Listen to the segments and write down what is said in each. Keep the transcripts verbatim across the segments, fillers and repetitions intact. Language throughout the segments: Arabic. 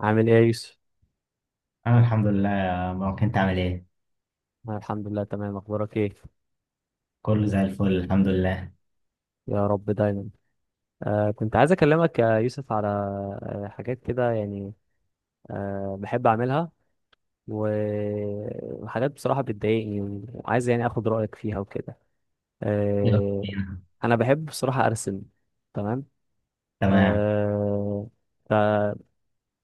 عامل ايه يا يوسف؟ أنا الحمد لله يا مروان، أنت عامل إيه؟ أنا الحمد لله تمام، اخبارك ايه؟ كله زي الفل، الحمد لله. يا رب دايما. آه كنت عايز اكلمك يا يوسف على آه حاجات كده، يعني آه بحب اعملها، و- وحاجات بصراحة بتضايقني وعايز يعني اخد رأيك فيها وكده. يلا آه بينا. انا بحب بصراحة ارسم. تمام. تمام. آه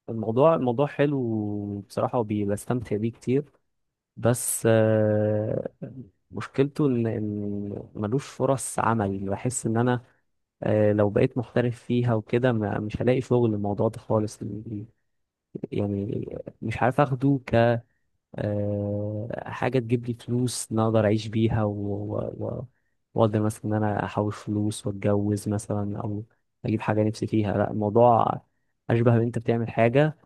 فالموضوع الموضوع حلو بصراحة وبستمتع بيه كتير. بس آه مشكلته ان إن ملوش فرص عمل، بحس ان انا آه، لو بقيت محترف فيها وكده ما- مش هلاقي شغل الموضوع ده خالص، يعني مش عارف اخده ك آه، حاجة تجيب لي فلوس، إن أنا اقدر اعيش بيها و... و... و... واقدر مثلا ان انا احوش فلوس واتجوز مثلا، او اجيب حاجة نفسي فيها، لا الموضوع اشبه ان انت بتعمل حاجة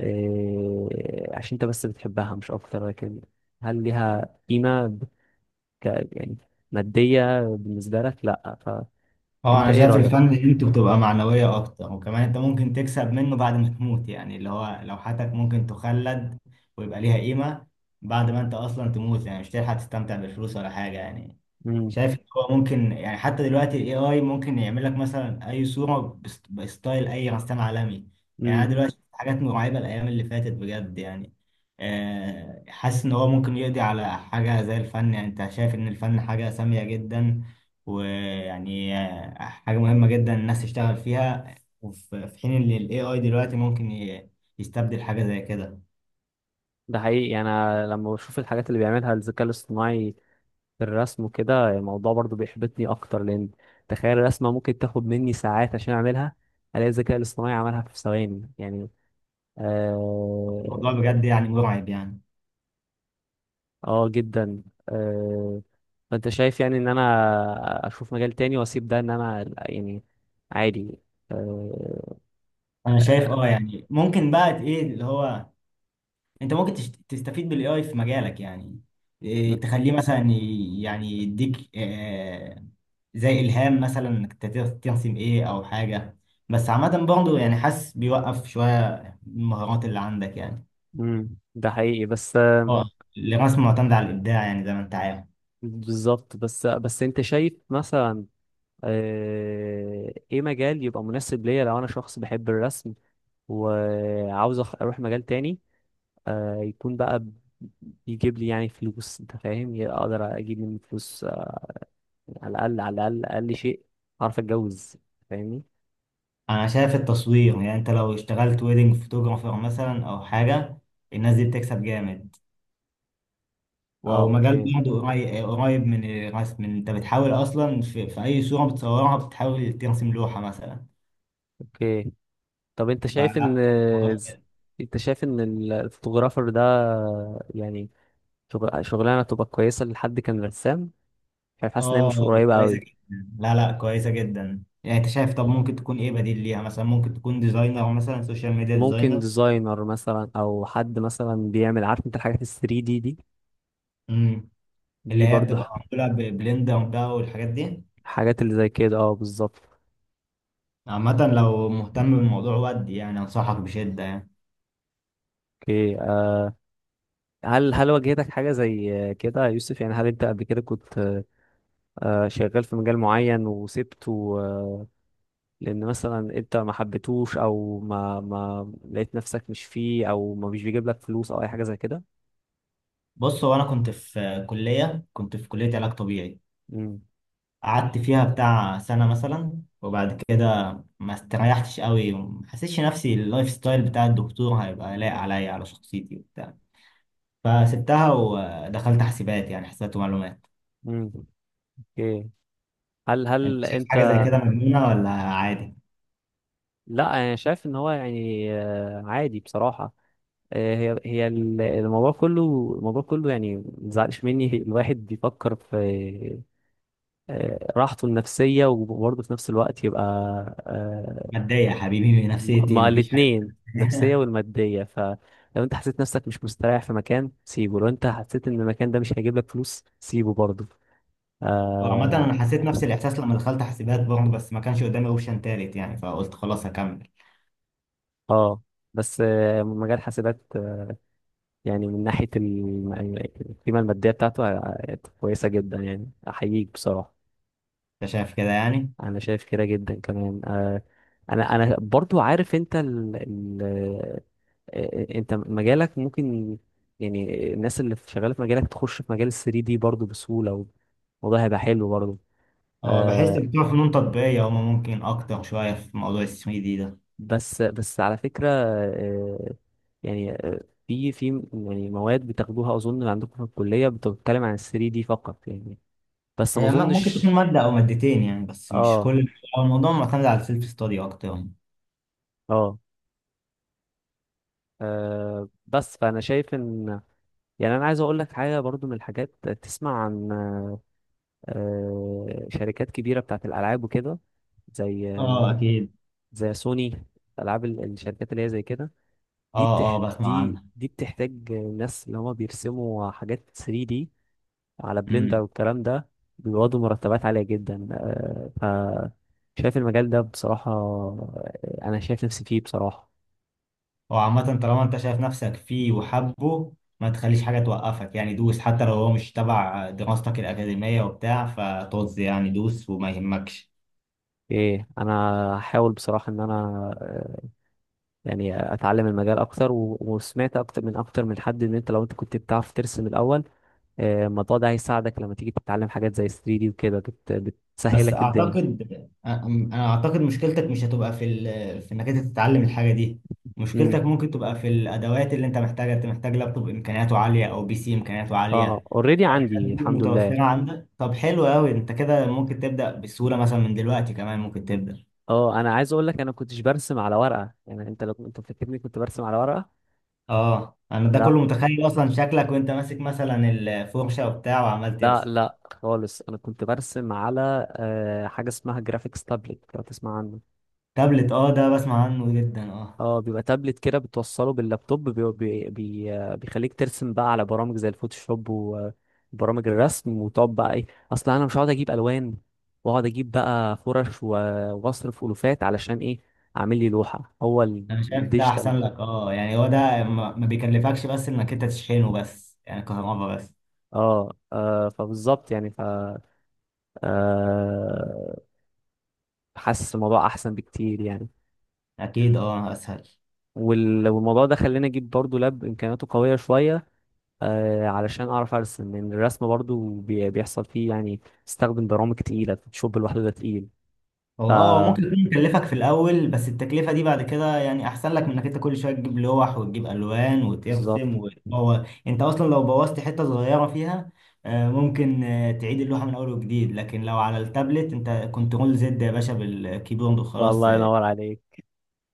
آه، عشان انت بس بتحبها مش اكتر، لكن هل ليها قيمة ب- ك... يعني مادية بالنسبة لك؟ لا. هو فانت أنا ايه شايف الفن رأيك؟ قيمته بتبقى معنوية أكتر، وكمان أنت ممكن تكسب منه بعد ما تموت، يعني اللي هو لوحاتك ممكن تخلد ويبقى ليها قيمة بعد ما أنت أصلا تموت، يعني مش هتلحق تستمتع بالفلوس ولا حاجة يعني. شايف إن هو ممكن يعني حتى دلوقتي الاي اي ممكن يعمل لك مثلا اي صوره بست- بستايل اي رسام عالمي. يعني انا امم دلوقتي شفت حاجات مرعبه الايام اللي فاتت بجد يعني. آه، حاسس ان هو ممكن يقضي على حاجه زي الفن، يعني انت شايف ان الفن حاجه ساميه جدا، ويعني آه، حاجه مهمه جدا الناس تشتغل فيها. وفي في حين ان الاي اي دلوقتي ممكن ي- يستبدل حاجه زي كده. ده حقيقي، يعني انا لما بشوف الحاجات اللي بيعملها الذكاء الاصطناعي في الرسم وكده الموضوع برضو بيحبطني اكتر، لان تخيل الرسمه ممكن تاخد مني ساعات عشان اعملها، الاقي الذكاء الاصطناعي عملها في ثواني، يعني الموضوع اه, بجد يعني مرعب يعني. آه جدا. آه فانت شايف يعني ان انا اشوف مجال تاني واسيب ده، ان انا يعني عادي؟ آه انا شايف آه، اه، يعني ممكن بقى ايه اللي هو انت ممكن تشت- تستفيد بالاي اي في مجالك يعني. إيه، تخليه مثلا ي- يعني يديك آه، زي الهام، مثلا انك تت- ترسم ايه او حاجه. بس عامه برضه يعني حاسس بيوقف شويه المهارات اللي عندك يعني. مم، ده حقيقي بس. اه. الرسم معتمد على الابداع يعني زي ما انت عارف. بالظبط، بس بس انت شايف مثلا آه، ايه مجال يبقى مناسب ليا لو انا شخص بحب الرسم، وعاوز أخ- اروح مجال تاني آه، يكون بقى بيجيب لي يعني فلوس، انت فاهم، يعني اقدر اجيب منه فلوس آه، على الاقل، على الاقل اقل شيء اعرف اتجوز، فاهمني؟ انا شايف التصوير، يعني انت لو اشتغلت ويدنج فوتوغرافر مثلا او حاجه، الناس دي بتكسب جامد. اه، ومجال اوكي برضه قريب قريب من الرسم، انت بتحاول اصلا في, في اي صورة بتصورها بتحاول ترسم لوحة مثلا. اوكي. طب انت شايف ان فلا، الموضوع كده. انت شايف ان ال- الفوتوغرافر ده، يعني شغل- شغلانه تبقى كويسه لحد كان رسام؟ شايف، حاسس ان هي مش اه قريبه كويسة قوي. جدا، لا لا، كويسة جدا يعني. انت شايف، طب ممكن تكون ايه بديل ليها؟ مثلا ممكن تكون ديزاينر، مثلا سوشيال ميديا ممكن ديزاينر. ديزاينر مثلا، او حد مثلا بيعمل، عارف انت، الحاجات ال ثلاثة دي دي امم. دي اللي هي برضو ح- بتبقى معمولة ببلندر بقى والحاجات دي. الحاجات اللي زي كده، اه بالظبط. عامة لو مهتم بالموضوع ودي، يعني انصحك بشدة يعني. اوكي آه، هل هل واجهتك حاجة زي آه، كده يا يوسف؟ يعني هل انت قبل كده كنت آه، آه، شغال في مجال معين وسبته آه، لان مثلا انت ما حبيتهوش، او ما ما لقيت نفسك مش فيه، او ما مش بيجيب لك فلوس، او اي حاجة زي كده؟ بص، هو انا كنت في كلية كنت في كلية علاج طبيعي، امم قعدت فيها بتاع سنة مثلا، وبعد كده ما استريحتش قوي وما حسيتش نفسي اللايف ستايل بتاع الدكتور هيبقى لايق عليا على شخصيتي وبتاع. فسبتها ودخلت حاسبات، يعني حسابات ومعلومات. امم اوكي. هل انت هل شايف انت... حاجة زي كده مجنونة ولا عادي؟ لا، انا شايف ان هو يعني آه، عادي بصراحة آه، هي هي ال- الموضوع كله، الموضوع كله، يعني ما تزعلش مني، الواحد بيفكر في آه، راحته النفسية، وبرضه في نفس الوقت يبقى آه، متضايق يا حبيبي من نفسيتي؟ مع مفيش حاجة. الاتنين النفسية والمادية. فلو انت حسيت نفسك مش مستريح في مكان، سيبه. لو انت حسيت ان المكان ده مش هيجيب لك فلوس، سيبه برضه. وعامة اه أنا حسيت نفس الإحساس لما دخلت حاسبات برضه، بس ما كانش قدامي أوبشن تالت يعني، فقلت خلاص هكمل. آه. بس آه، مجال حاسبات آه، يعني من ناحية الم- القيمة المادية بتاعته آه، كويسة جدا، يعني أحييك بصراحة. أنت شيء شايف كده يعني؟ انا شايف كده جدا، كمان آه. انا انا برضو عارف انت ال ال آه، آه، انت مجالك ممكن، يعني الناس اللي في- شغاله في مجالك تخش في مجال ال ثلاثة دي برضو بسهوله، والموضوع هيبقى حلو برضو. هو بحس آه. إن بتوع فنون تطبيقية هما ممكن أكتر شوية في موضوع ال ثري دي. بس بس على فكره آه، يعني آه، في في يعني مواد بتاخدوها اظن عندكم في الكليه بتتكلم عن ال ثري دي فقط، يعني بس ما هي م- ممكن تكون اظنش. مادة أو مادتين يعني، بس مش اه كل، هو الموضوع معتمد على السيلف ستادي أكتر يعني. اه آه، بس فانا شايف ان، يعني انا عايز اقول لك حاجه برضو، من الحاجات تسمع عن آه، آه، شركات كبيره بتاعت الالعاب وكده، زي اه آه، أكيد. زي سوني، العاب ال- الشركات اللي هي زي كده، دي اه اه بتح بسمع دي عنها. دي بتحتاج ناس اللي هما بيرسموا حاجات ثلاثة دي على بلندر امم. والكلام ده، بيقبضوا مرتبات عاليه جدا آه، ف شايف المجال ده بصراحه آه، انا شايف نفسي فيه بصراحه. وعامة طالما أنت شايف نفسك فيه وحبه، ما تخليش حاجة توقفك يعني. دوس حتى لو هو مش تبع دراستك الأكاديمية وبتاع فطز يعني، دوس وما يهمكش. ايه، انا هحاول بصراحه ان انا آه، يعني اتعلم المجال اكتر، و- وسمعت اكتر من اكتر من حد ان انت، لو انت كنت بتعرف ترسم الاول آه، الموضوع ده هيساعدك لما تيجي تتعلم حاجات زي ثلاثة دي وكده، بت- بس بتسهلك الدنيا. اعتقد، انا أنا اعتقد مشكلتك مش هتبقى في ال... في انك انت تتعلم الحاجه دي. امم مشكلتك ممكن تبقى في الادوات اللي انت محتاجها. انت محتاج لابتوب امكانياته عاليه او بي سي امكانياته اه عاليه. اوريدي الحاجات عندي دي الحمد لله. متوفره عندك؟ طب حلو قوي، انت كده ممكن تبدا بسهوله، مثلا من دلوقتي كمان ممكن تبدا. اه، انا عايز اقول لك، انا كنتش برسم على ورقه، يعني انت لو انت فاكرني كنت برسم على ورقه، اه انا ده لا كله متخيل اصلا شكلك وانت ماسك مثلا الفرشه وبتاع وعمال لا ترسم. لا خالص، انا كنت برسم على آه، حاجه اسمها جرافيكس تابلت، لو تسمع عنها. تابلت، اه ده بسمع عنه جدا، اه. اه، بيبقى تابلت كده بتوصله باللابتوب بي بي بي آه، بيخليك ترسم بقى على برامج زي الفوتوشوب وبرامج الرسم، وتقعد بقى ايه؟ اصل انا مش هقعد اجيب الوان واقعد اجيب بقى فرش و- واصرف الوفات علشان ايه؟ اعمل لي لوحة، هو ال- انا شايف ده الديجيتال. احسن لك، اه يعني هو ده ما ما بيكلفكش بس انك انت تشحنه، بس يعني كهربا بس. اه آه، فبالظبط، يعني ف آه، حاسس الموضوع احسن بكتير يعني. اكيد اه، اسهل. وال- والموضوع ده خلاني اجيب برضو لاب امكانياته قوية شوية آه، علشان اعرف ارسم، لان الرسم برضو بي- بيحصل فيه يعني استخدم برامج تقيله، الفوتوشوب لوحده ده تقيل. هو ف اه هو ممكن يكون يكلفك في الاول، بس التكلفه دي بعد كده يعني احسن لك من انك انت كل شويه تجيب لوح وتجيب الوان بالظبط. وترسم. وهو انت اصلا لو بوظت حته صغيره فيها، آه، ممكن آه، تعيد اللوحه من اول وجديد، لكن لو على التابلت انت كنترول زد يا باشا بالكيبورد وخلاص، فالله آه، ينور عليك.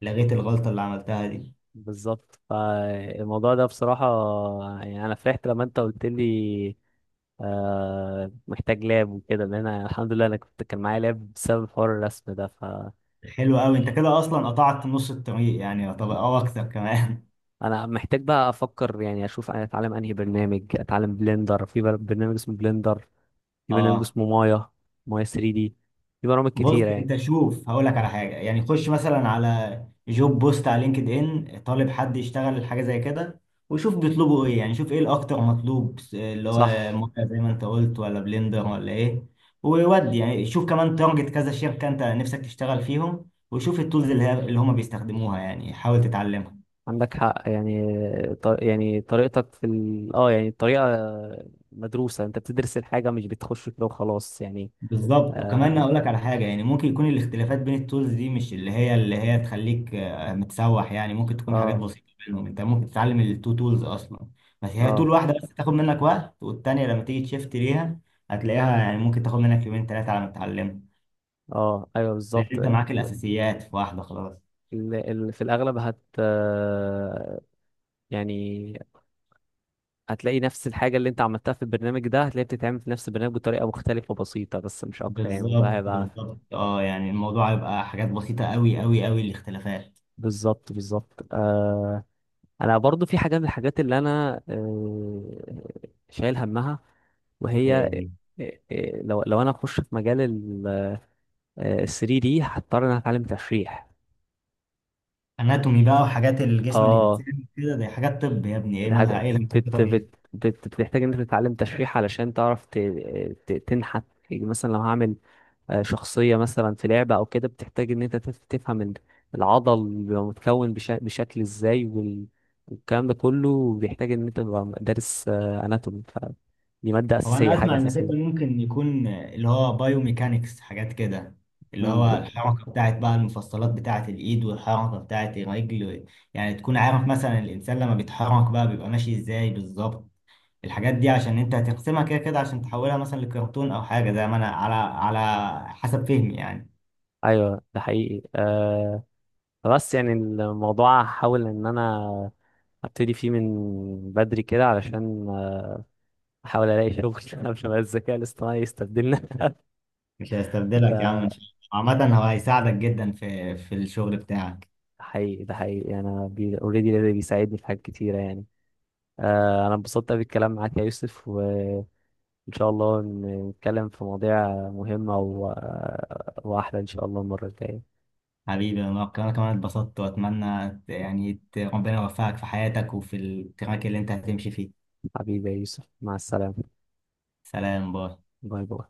لغيت الغلطه اللي عملتها دي. بالظبط، فالموضوع ده بصراحه يعني انا فرحت لما انت قلت لي آه، محتاج لاب وكده، لان انا الحمد لله انا كنت كان معايا لاب بسبب حوار الرسم ده، فانا حلو قوي، انت كده اصلا قطعت نص الطريق يعني، طب او اكتر كمان. محتاج بقى افكر، يعني اشوف انا اتعلم انهي برنامج، اتعلم بلندر، في بر- برنامج اسمه بلندر، في برنامج اه اسمه مايا، مايا ثلاثة دي، في برامج بص، كتيره يعني. انت شوف هقول لك على حاجه يعني. خش مثلا على جوب بوست على لينكد ان، طالب حد يشتغل حاجه زي كده، وشوف بيطلبوا ايه يعني. شوف ايه الاكتر مطلوب، اللي هو صح. موقع زي ما انت قلت ولا بلندر ولا ايه. وودي يعني، شوف كمان تارجت كذا شركه انت نفسك تشتغل فيهم، وشوف التولز اللي, ه- اللي هم بيستخدموها يعني، حاول تتعلمها. عندك حق، يعني ط- يعني طريقتك في ال... اه يعني الطريقة مدروسة، انت بتدرس الحاجة مش بتخش كده وخلاص يعني. بالظبط. وكمان اه اقول لك على حاجه، يعني ممكن يكون الاختلافات بين التولز دي مش اللي هي اللي هي تخليك آه، متسوح يعني. ممكن تكون حاجات اه بسيطه بينهم، انت ممكن تتعلم التو تولز اصلا. بس هي تول اه, واحده بس تاخد منك وقت، والتانيه لما تيجي تشفت ليها هتلاقيها، يعني ممكن تاخد منك يومين ثلاثه على ما تتعلمها، آه. ايوه، لان بالظبط انت ال... معاك الاساسيات في واحده خلاص. ال... في الاغلب هت آه، يعني هتلاقي نفس الحاجة اللي انت عملتها في البرنامج ده، هتلاقيها بتتعمل في نفس البرنامج بطريقة مختلفة بسيطة بس، مش اكتر يعني، وده بالظبط هيبقى بالظبط، اه يعني الموضوع هيبقى حاجات بسيطه، قوي قوي قوي الاختلافات. بالظبط بالظبط آه. انا برضو في حاجه من الحاجات اللي انا آه، شايل همها، وهي إيه. آه، آه، لو لو انا اخش في مجال ال ثري دي، هضطر ان انا اتعلم تشريح. اناتومي بقى وحاجات الجسم اه، الانساني كده، دي حاجات طب يا ابني، ايه دي حاجه مالها؟ ايه الهبل ده؟ بت طب بت بت بتحتاج ان انت تتعلم تشريح علشان تعرف ت- آه، ت- تنحت، يعني مثلا لو هعمل آه، شخصية مثلا في لعبة أو كده، بتحتاج إن أنت تف- تفهم ال- العضل بيبقى متكون بشا- بشكل إزاي، وال- والكلام ده كله بيحتاج إن أنت تبقى دارس أناتومي، فدي مادة هو انا أساسية، حاجة اسمع انك انت أساسية. ممكن يكون اللي هو بايوميكانكس، حاجات كده، اللي هو مم. الحركه بتاعت بقى المفصلات بتاعت الايد والحركه بتاعت الرجل. يعني تكون عارف مثلا الانسان لما بيتحرك بقى بيبقى ماشي ازاي بالظبط. الحاجات دي عشان انت هتقسمها كده كده عشان تحولها مثلا لكرتون او حاجه، زي ما انا على على حسب فهمي يعني. أيوه ده حقيقي أه. بس يعني الموضوع هحاول إن أنا أبتدي فيه من بدري كده، علشان آه، أحاول ألاقي شغل عشان بقى الذكاء الاصطناعي يستبدلنا مش هيستبدلك يا عم ده ان شاء الله. عامه هو هيساعدك جدا في في الشغل بتاعك. حقيقي، ده حقيقي يعني. أنا أوريدي بيساعدني في حاجات كتيرة يعني آه، أنا انبسطت بالكلام معاك يا يوسف، وإن شاء الله ن- نتكلم في مواضيع مهمة و... وأحلى إن شاء الله المرة الجاية. حبيبي، انا انا كمان اتبسطت، واتمنى يعني ت- ربنا يوفقك في حياتك وفي التراك اللي انت هتمشي فيه. حبيبي يا يوسف، مع السلامة. سلام، باي. باي باي.